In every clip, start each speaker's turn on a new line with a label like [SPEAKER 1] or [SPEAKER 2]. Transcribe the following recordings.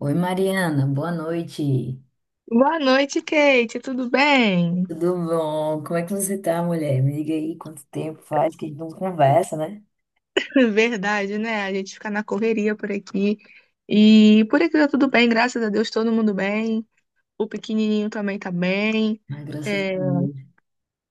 [SPEAKER 1] Oi, Mariana, boa noite.
[SPEAKER 2] Boa noite, Kate. Tudo bem?
[SPEAKER 1] Tudo bom? Como é que você tá, mulher? Me diga aí quanto tempo faz que a gente não conversa, né?
[SPEAKER 2] Verdade, né? A gente fica na correria por aqui. E por aqui tá tudo bem, graças a Deus, todo mundo bem. O pequenininho também tá bem.
[SPEAKER 1] Mas graças a
[SPEAKER 2] É.
[SPEAKER 1] Deus.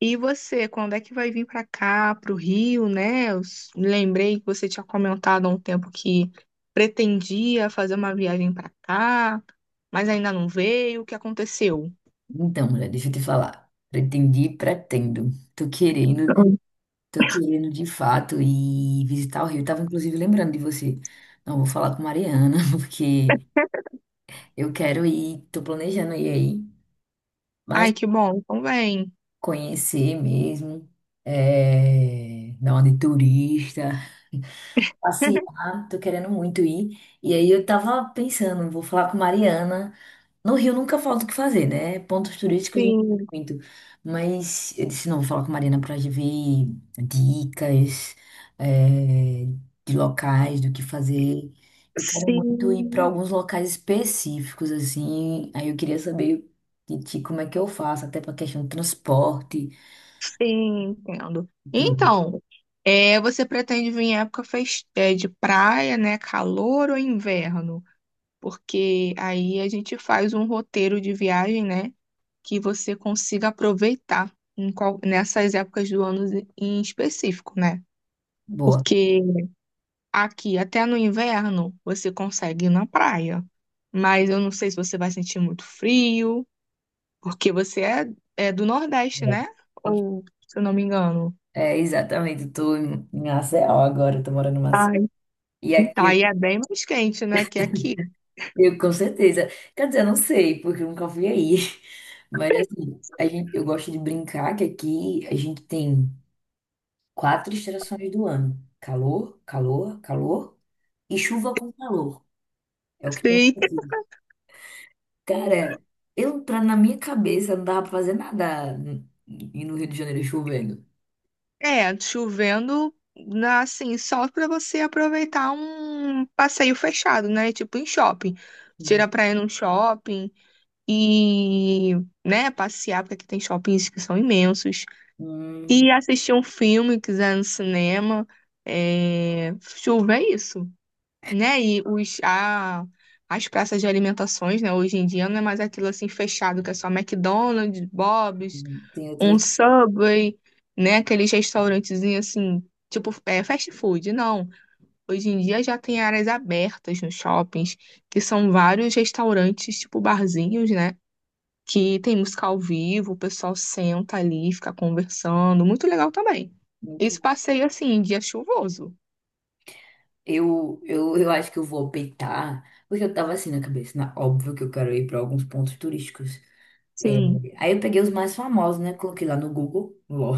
[SPEAKER 2] E você, quando é que vai vir pra cá, pro Rio, né? Eu lembrei que você tinha comentado há um tempo que pretendia fazer uma viagem pra cá, mas ainda não veio. O que aconteceu?
[SPEAKER 1] Então, mulher, deixa eu te falar. Pretendi, pretendo. Tô querendo, tô querendo de fato ir visitar o Rio. Tava inclusive lembrando de você. Não, vou falar com Mariana, porque eu quero ir, tô planejando ir aí, mas
[SPEAKER 2] Ai, que bom. Então vem.
[SPEAKER 1] conhecer mesmo, dar uma de turista, passear, tô querendo muito ir. E aí eu tava pensando, vou falar com Mariana. No Rio nunca falta o que fazer, né? Pontos turísticos a gente
[SPEAKER 2] Sim,
[SPEAKER 1] tem muito. Mas eu disse, não, vou falar com Mariana pra gente ver dicas, é, de locais, do que fazer. Eu quero muito ir pra
[SPEAKER 2] sim.
[SPEAKER 1] alguns locais específicos, assim. Aí eu queria saber de ti como é que eu faço, até pra questão do transporte,
[SPEAKER 2] Sim, entendo.
[SPEAKER 1] tudo.
[SPEAKER 2] Então, é, você pretende vir em época de praia, né? Calor ou inverno? Porque aí a gente faz um roteiro de viagem, né, que você consiga aproveitar em nessas épocas do ano em específico, né?
[SPEAKER 1] Boa.
[SPEAKER 2] Porque aqui, até no inverno, você consegue ir na praia. Mas eu não sei se você vai sentir muito frio, porque você é do Nordeste,
[SPEAKER 1] É.
[SPEAKER 2] né? Ou, se eu não me engano.
[SPEAKER 1] É, exatamente. Estou em Maceió agora. Estou morando em Maceió. E
[SPEAKER 2] Então,
[SPEAKER 1] aqui eu,
[SPEAKER 2] aí é bem mais quente, né, que aqui.
[SPEAKER 1] eu com certeza. Quer dizer, eu não sei, porque eu nunca fui aí. Mas assim, a gente, eu gosto de brincar que aqui a gente tem quatro estações do ano: calor, calor, calor e chuva com calor. É o que tem
[SPEAKER 2] Sim.
[SPEAKER 1] aqui. Cara, na minha cabeça, não dava pra fazer nada n- e no Rio de Janeiro chovendo.
[SPEAKER 2] É, chovendo, assim, só para você aproveitar um passeio fechado, né, tipo em shopping.
[SPEAKER 1] Hum,
[SPEAKER 2] Tira pra ir num shopping e, né, passear, porque aqui tem shoppings que são imensos.
[SPEAKER 1] hum,
[SPEAKER 2] E assistir um filme, quiser, no cinema. É, chuva é isso, né, e os, a, as praças de alimentações, né, hoje em dia não é mais aquilo, assim, fechado, que é só McDonald's, Bob's,
[SPEAKER 1] tem
[SPEAKER 2] um
[SPEAKER 1] outras.
[SPEAKER 2] Subway, né? Aqueles restaurantezinhos assim, tipo, é, fast food. Não. Hoje em dia já tem áreas abertas nos shoppings, que são vários restaurantes, tipo barzinhos, né, que tem música ao vivo, o pessoal senta ali, fica conversando. Muito legal também, esse passeio, assim, em dia chuvoso.
[SPEAKER 1] Eu acho que eu vou optar, porque eu tava assim na cabeça, óbvio que eu quero ir para alguns pontos turísticos. É,
[SPEAKER 2] Sim.
[SPEAKER 1] aí eu peguei os mais famosos, né? Coloquei lá no Google, lol.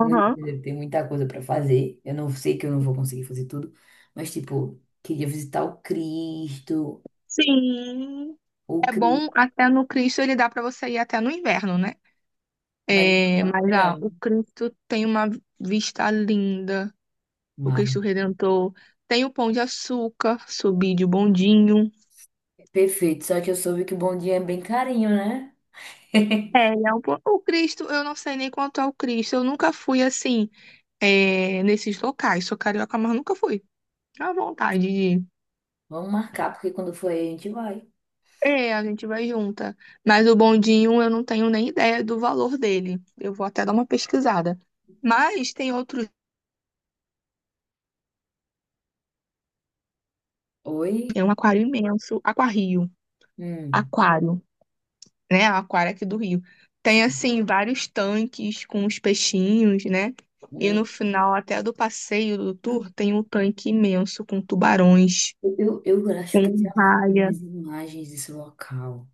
[SPEAKER 1] No Rio de
[SPEAKER 2] Aham.
[SPEAKER 1] Janeiro tem muita coisa para fazer. Eu não sei que eu não vou conseguir fazer tudo, mas tipo, queria visitar o Cristo,
[SPEAKER 2] Sim.
[SPEAKER 1] o
[SPEAKER 2] É bom
[SPEAKER 1] Cristo,
[SPEAKER 2] até no Cristo, ele dá para você ir até no inverno, né?
[SPEAKER 1] mas eu não
[SPEAKER 2] É,
[SPEAKER 1] tava no
[SPEAKER 2] mas ah,
[SPEAKER 1] verão.
[SPEAKER 2] o Cristo tem uma vista linda. O
[SPEAKER 1] Mas,
[SPEAKER 2] Cristo Redentor. Tem o Pão de Açúcar, Subide o Bondinho.
[SPEAKER 1] perfeito, só que eu soube que o Bom Dia é bem carinho, né?
[SPEAKER 2] É, ele é o Cristo. Eu não sei nem quanto é o Cristo. Eu nunca fui assim, é, nesses locais. Sou carioca, mas nunca fui. À vontade de ir.
[SPEAKER 1] Vamos marcar, porque quando for aí a gente vai.
[SPEAKER 2] É, a gente vai junta. Mas o bondinho eu não tenho nem ideia do valor dele. Eu vou até dar uma pesquisada. Mas tem outros. Tem
[SPEAKER 1] Oi?
[SPEAKER 2] um aquário imenso. Aquário.
[SPEAKER 1] Hum,
[SPEAKER 2] Aquário, né? A Aquária aqui do Rio. Tem,
[SPEAKER 1] sim.
[SPEAKER 2] assim, vários tanques com os peixinhos, né? E
[SPEAKER 1] Hum.
[SPEAKER 2] no final até do passeio do tour tem um tanque imenso com tubarões,
[SPEAKER 1] Eu acho que eu
[SPEAKER 2] com
[SPEAKER 1] já
[SPEAKER 2] raia.
[SPEAKER 1] fiz imagens desse local,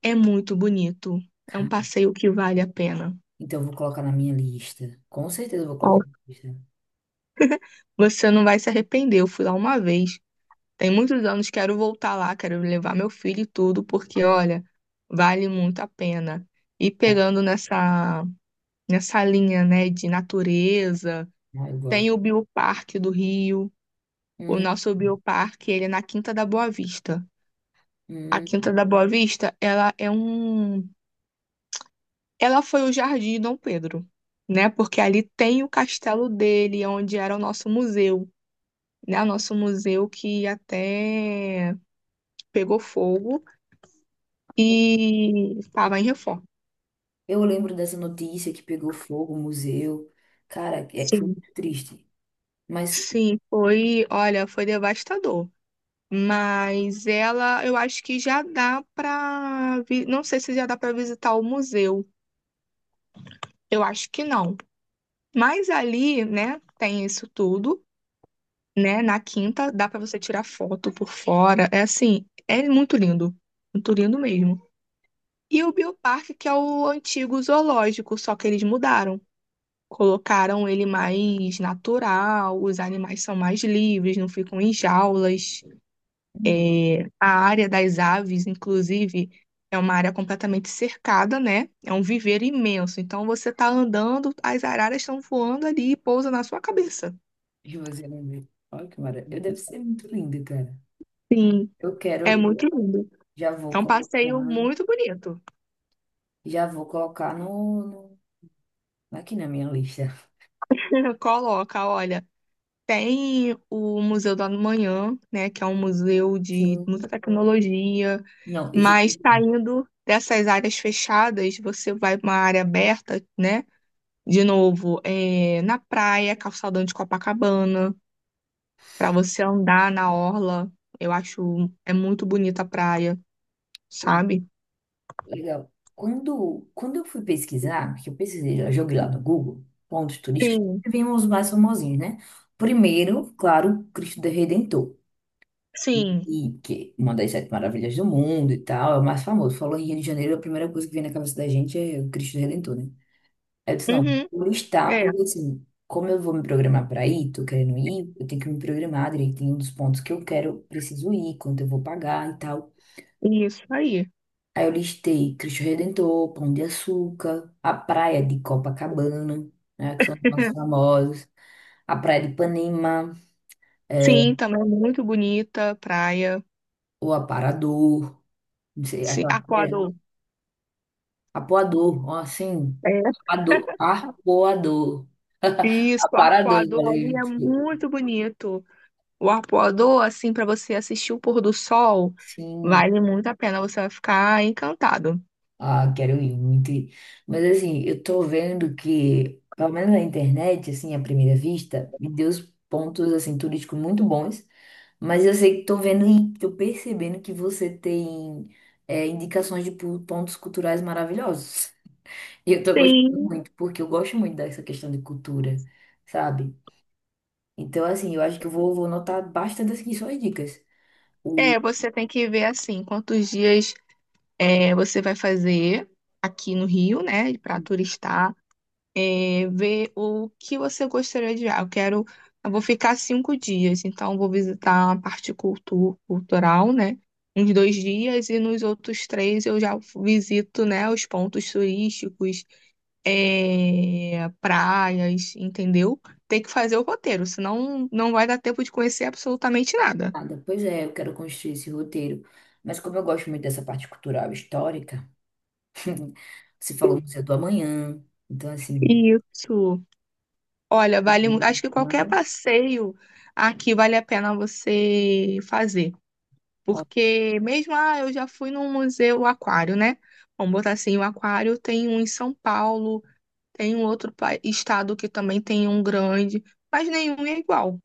[SPEAKER 2] É muito bonito. É um
[SPEAKER 1] cara.
[SPEAKER 2] passeio que vale a pena.
[SPEAKER 1] Então eu vou colocar na minha lista. Com certeza eu vou colocar
[SPEAKER 2] Ó,
[SPEAKER 1] na minha lista.
[SPEAKER 2] você não vai se arrepender. Eu fui lá uma vez. Tem muitos anos. Quero voltar lá, quero levar meu filho e tudo, porque, olha, vale muito a pena. E pegando nessa linha, né, de natureza.
[SPEAKER 1] Ah, eu gosto.
[SPEAKER 2] Tem o Bioparque do Rio. O
[SPEAKER 1] Hum,
[SPEAKER 2] nosso Bioparque, ele é na Quinta da Boa Vista. A
[SPEAKER 1] hum.
[SPEAKER 2] Quinta da Boa Vista, ela é um... Ela foi o Jardim Dom Pedro, né? Porque ali tem o castelo dele, onde era o nosso museu, né? O nosso museu que até pegou fogo e estava em reforma.
[SPEAKER 1] Eu lembro dessa notícia que pegou fogo o museu. Cara, é que foi
[SPEAKER 2] Sim.
[SPEAKER 1] muito triste. Mas
[SPEAKER 2] Sim, foi, olha, foi devastador. Mas ela, eu acho que já dá para, não sei se já dá para visitar o museu. Eu acho que não. Mas ali, né, tem isso tudo, né? Na quinta dá pra você tirar foto por fora. É assim, é muito lindo. Muito lindo mesmo. E o Bioparque, que é o antigo zoológico, só que eles mudaram. Colocaram ele mais natural, os animais são mais livres, não ficam em jaulas.
[SPEAKER 1] uhum,
[SPEAKER 2] É, a área das aves, inclusive, é uma área completamente cercada, né? É um viveiro imenso. Então você está andando, as araras estão voando ali e pousa na sua cabeça.
[SPEAKER 1] eu vou fazer um museu. Olha que maravilha. Eu deve ser muito lindo, cara. Eu
[SPEAKER 2] É
[SPEAKER 1] quero,
[SPEAKER 2] muito lindo.
[SPEAKER 1] já vou
[SPEAKER 2] É um
[SPEAKER 1] colocar,
[SPEAKER 2] passeio muito bonito.
[SPEAKER 1] já vou colocar no, aqui na minha lista.
[SPEAKER 2] Coloca, olha, tem o Museu do Amanhã, né, que é um museu de
[SPEAKER 1] Sim.
[SPEAKER 2] muita tecnologia,
[SPEAKER 1] Não, esse
[SPEAKER 2] mas saindo dessas áreas fechadas, você vai para uma área aberta, né? De novo, é, na praia, calçadão de Copacabana, para você andar na orla. Eu acho é muito bonita a praia,
[SPEAKER 1] é
[SPEAKER 2] sabe?
[SPEAKER 1] legal. Quando eu fui pesquisar, que eu pesquisei, eu joguei lá no Google, pontos turísticos,
[SPEAKER 2] Sim,
[SPEAKER 1] e vimos os mais famosinhos, né? Primeiro, claro, Cristo do Redentor,
[SPEAKER 2] sim.
[SPEAKER 1] e que é uma das sete maravilhas do mundo e tal, é o mais famoso. Falou em Rio de Janeiro, a primeira coisa que vem na cabeça da gente é o Cristo do Redentor, né? Aí eu disse, não,
[SPEAKER 2] Uhum,
[SPEAKER 1] vou listar,
[SPEAKER 2] é,
[SPEAKER 1] porque assim, como eu vou me programar para ir, tô querendo ir, eu tenho que me programar direitinho dos pontos que eu quero, preciso ir, quanto eu vou pagar e tal.
[SPEAKER 2] isso aí.
[SPEAKER 1] Aí eu listei Cristo Redentor, Pão de Açúcar, a praia de Copacabana, né, que são os mais famosos, a praia de Ipanema, é,
[SPEAKER 2] Sim, também é muito bonita a praia.
[SPEAKER 1] o Aparador, não sei,
[SPEAKER 2] Sim,
[SPEAKER 1] aquela praia,
[SPEAKER 2] Arpoador.
[SPEAKER 1] Apoador, ó, assim,
[SPEAKER 2] É.
[SPEAKER 1] Apoador, Arpoador,
[SPEAKER 2] Isso, o
[SPEAKER 1] Aparador,
[SPEAKER 2] Arpoador ali
[SPEAKER 1] valeu,
[SPEAKER 2] é muito bonito. O Arpoador, assim, para você assistir o pôr do sol,
[SPEAKER 1] sim.
[SPEAKER 2] vale muito a pena, você vai ficar encantado.
[SPEAKER 1] Ah, quero ir muito ir. Mas assim, eu tô vendo que, pelo menos na internet, assim, à primeira vista, me deu os pontos, assim, turísticos muito bons. Mas eu sei que tô vendo e tô percebendo que você tem indicações de pontos culturais maravilhosos. E eu tô gostando
[SPEAKER 2] Sim,
[SPEAKER 1] muito, porque eu gosto muito dessa questão de cultura, sabe? Então, assim, eu acho que vou anotar bastante aqui suas dicas. O
[SPEAKER 2] é, você tem que ver assim quantos dias. É, você vai fazer aqui no Rio, né, para turistar, é, ver o que você gostaria de ver. Ah, eu quero, eu vou ficar 5 dias, então vou visitar a parte cultural, né, uns 2 dias e nos outros três eu já visito, né, os pontos turísticos, é, praias, entendeu? Tem que fazer o roteiro, senão não vai dar tempo de conhecer absolutamente nada.
[SPEAKER 1] nada, pois é, eu quero construir esse roteiro. Mas como eu gosto muito dessa parte cultural e histórica, você falou o Museu do Amanhã. Então, assim,
[SPEAKER 2] Isso. Olha, vale, acho que qualquer passeio aqui vale a pena você fazer,
[SPEAKER 1] ó,
[SPEAKER 2] porque mesmo, ah, eu já fui num museu aquário, né? Vamos botar assim, o aquário tem um em São Paulo, tem um outro estado que também tem um grande, mas nenhum é igual,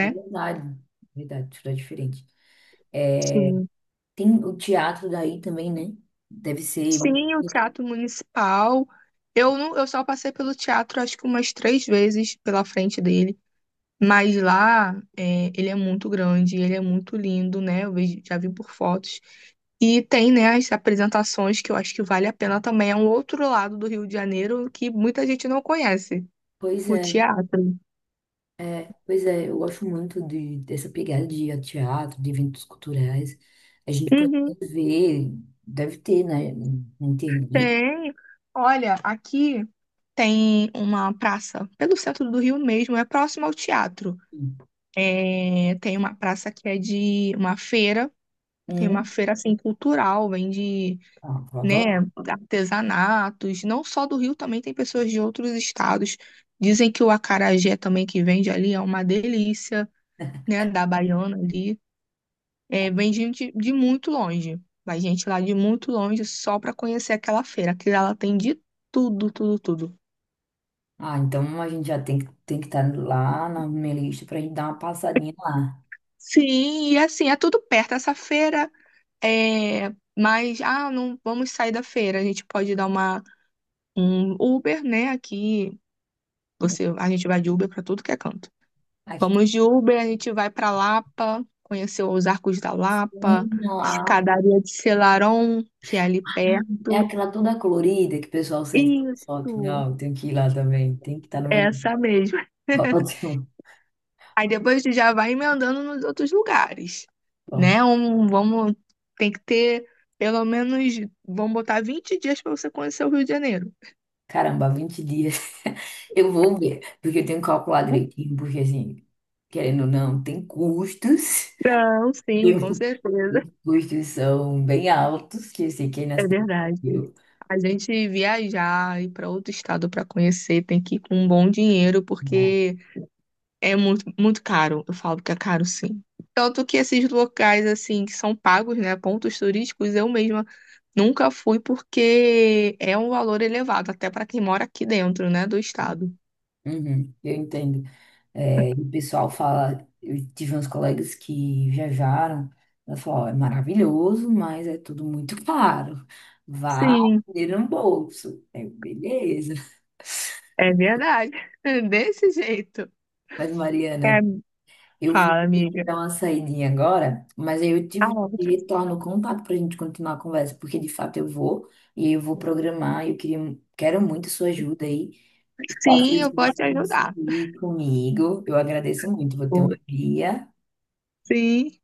[SPEAKER 1] é verdade, verdade, tudo é diferente. É,
[SPEAKER 2] Sim.
[SPEAKER 1] tem o teatro daí também, né? Deve ser.
[SPEAKER 2] Sim, o Teatro Municipal. Eu não, eu só passei pelo teatro acho que umas três vezes pela frente dele. Mas lá, é, ele é muito grande, ele é muito lindo, né? Eu vejo, já vi por fotos. E tem, né, as apresentações que eu acho que vale a pena também. É um outro lado do Rio de Janeiro que muita gente não conhece,
[SPEAKER 1] Pois
[SPEAKER 2] o
[SPEAKER 1] é,
[SPEAKER 2] teatro.
[SPEAKER 1] pois é, eu gosto muito dessa pegada de ir a teatro, de eventos culturais. A gente pode
[SPEAKER 2] Uhum,
[SPEAKER 1] ver, deve ter, né? Na internet.
[SPEAKER 2] tem. Olha, aqui tem uma praça pelo centro do Rio mesmo, é próximo ao teatro. É, tem uma praça que é de uma feira, tem uma
[SPEAKER 1] Hum,
[SPEAKER 2] feira assim cultural, vende,
[SPEAKER 1] ah, eu
[SPEAKER 2] né,
[SPEAKER 1] adoro.
[SPEAKER 2] artesanatos, não só do Rio, também tem pessoas de outros estados. Dizem que o acarajé também que vende ali é uma delícia, né, da Baiana ali. É, vem gente de muito longe. Vai gente lá de muito longe só para conhecer aquela feira, que ela tem de tudo, tudo, tudo.
[SPEAKER 1] Ah, então a gente já tem que estar lá na minha lista pra gente dar uma passadinha lá.
[SPEAKER 2] Sim, e assim, é tudo perto. Essa feira é, mas ah, não vamos sair da feira. A gente pode dar uma um Uber, né, aqui. Você, a gente vai de Uber para tudo que é canto. Vamos de Uber, a gente vai para Lapa, conhecer os Arcos da Lapa,
[SPEAKER 1] Não, a-
[SPEAKER 2] Escadaria de Selarón, que é ali
[SPEAKER 1] é
[SPEAKER 2] perto.
[SPEAKER 1] aquela toda colorida que o pessoal sente foto.
[SPEAKER 2] Isso.
[SPEAKER 1] Não, tem que ir lá também. Tem que estar no meu
[SPEAKER 2] Essa mesmo.
[SPEAKER 1] ótimo.
[SPEAKER 2] Aí depois tu já vai emendando nos outros lugares,
[SPEAKER 1] Bom,
[SPEAKER 2] né? Um, vamos, tem que ter pelo menos, vamos botar 20 dias para você conhecer o Rio de Janeiro.
[SPEAKER 1] caramba, 20 dias. Eu vou ver, porque eu tenho que calcular direitinho, porque assim, querendo ou não, tem custos.
[SPEAKER 2] Não, sim,
[SPEAKER 1] Tem-
[SPEAKER 2] com certeza.
[SPEAKER 1] os custos são bem altos, que eu sei que é na
[SPEAKER 2] É
[SPEAKER 1] cidade.
[SPEAKER 2] verdade.
[SPEAKER 1] Eu,
[SPEAKER 2] A gente viajar, ir para outro estado para conhecer, tem que ir com um bom dinheiro,
[SPEAKER 1] né?
[SPEAKER 2] porque é muito, muito caro. Eu falo que é caro, sim. Tanto que esses locais, assim, que são pagos, né? Pontos turísticos, eu mesma nunca fui porque é um valor elevado, até para quem mora aqui dentro, né? Do estado.
[SPEAKER 1] Uhum, eu entendo. É, e o pessoal fala, eu tive uns colegas que viajaram, ela falou, "Ó, é maravilhoso, mas é tudo muito caro. Vá
[SPEAKER 2] Sim,
[SPEAKER 1] ter um bolso. Eu, beleza.
[SPEAKER 2] é verdade. Desse jeito.
[SPEAKER 1] Mas,
[SPEAKER 2] É,
[SPEAKER 1] Mariana, eu vou
[SPEAKER 2] fala,
[SPEAKER 1] ter que
[SPEAKER 2] amiga.
[SPEAKER 1] dar uma saidinha agora, mas aí eu
[SPEAKER 2] Ah,
[SPEAKER 1] tive que retorno o contato para a gente continuar a conversa, porque de fato eu vou, e eu vou programar, e eu queria, quero muito sua ajuda aí. Os
[SPEAKER 2] sim,
[SPEAKER 1] passeios
[SPEAKER 2] eu
[SPEAKER 1] que
[SPEAKER 2] posso
[SPEAKER 1] você
[SPEAKER 2] te ajudar.
[SPEAKER 1] conseguir comigo, eu agradeço muito, vou ter uma guia.
[SPEAKER 2] Sim.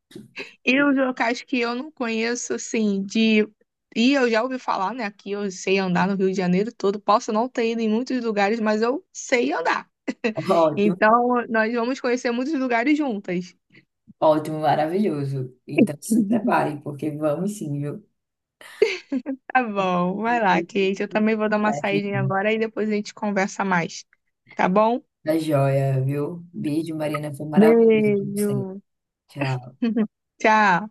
[SPEAKER 2] E os locais que eu não conheço, assim, de. E eu já ouvi falar, né? Aqui eu sei andar no Rio de Janeiro todo. Posso não ter ido em muitos lugares, mas eu sei andar.
[SPEAKER 1] Ótimo.
[SPEAKER 2] Então, nós vamos conhecer muitos lugares juntas.
[SPEAKER 1] Ótimo, maravilhoso. Então se prepare, porque vamos sim, viu?
[SPEAKER 2] Tá bom, vai lá,
[SPEAKER 1] Depois
[SPEAKER 2] Kate. Eu também vou dar uma
[SPEAKER 1] conversa,
[SPEAKER 2] saída
[SPEAKER 1] então.
[SPEAKER 2] agora e depois a gente conversa mais. Tá bom?
[SPEAKER 1] Tá joia, viu? Beijo, Mariana. Foi maravilhoso, como
[SPEAKER 2] Beijo.
[SPEAKER 1] sempre. Tchau.
[SPEAKER 2] Tchau.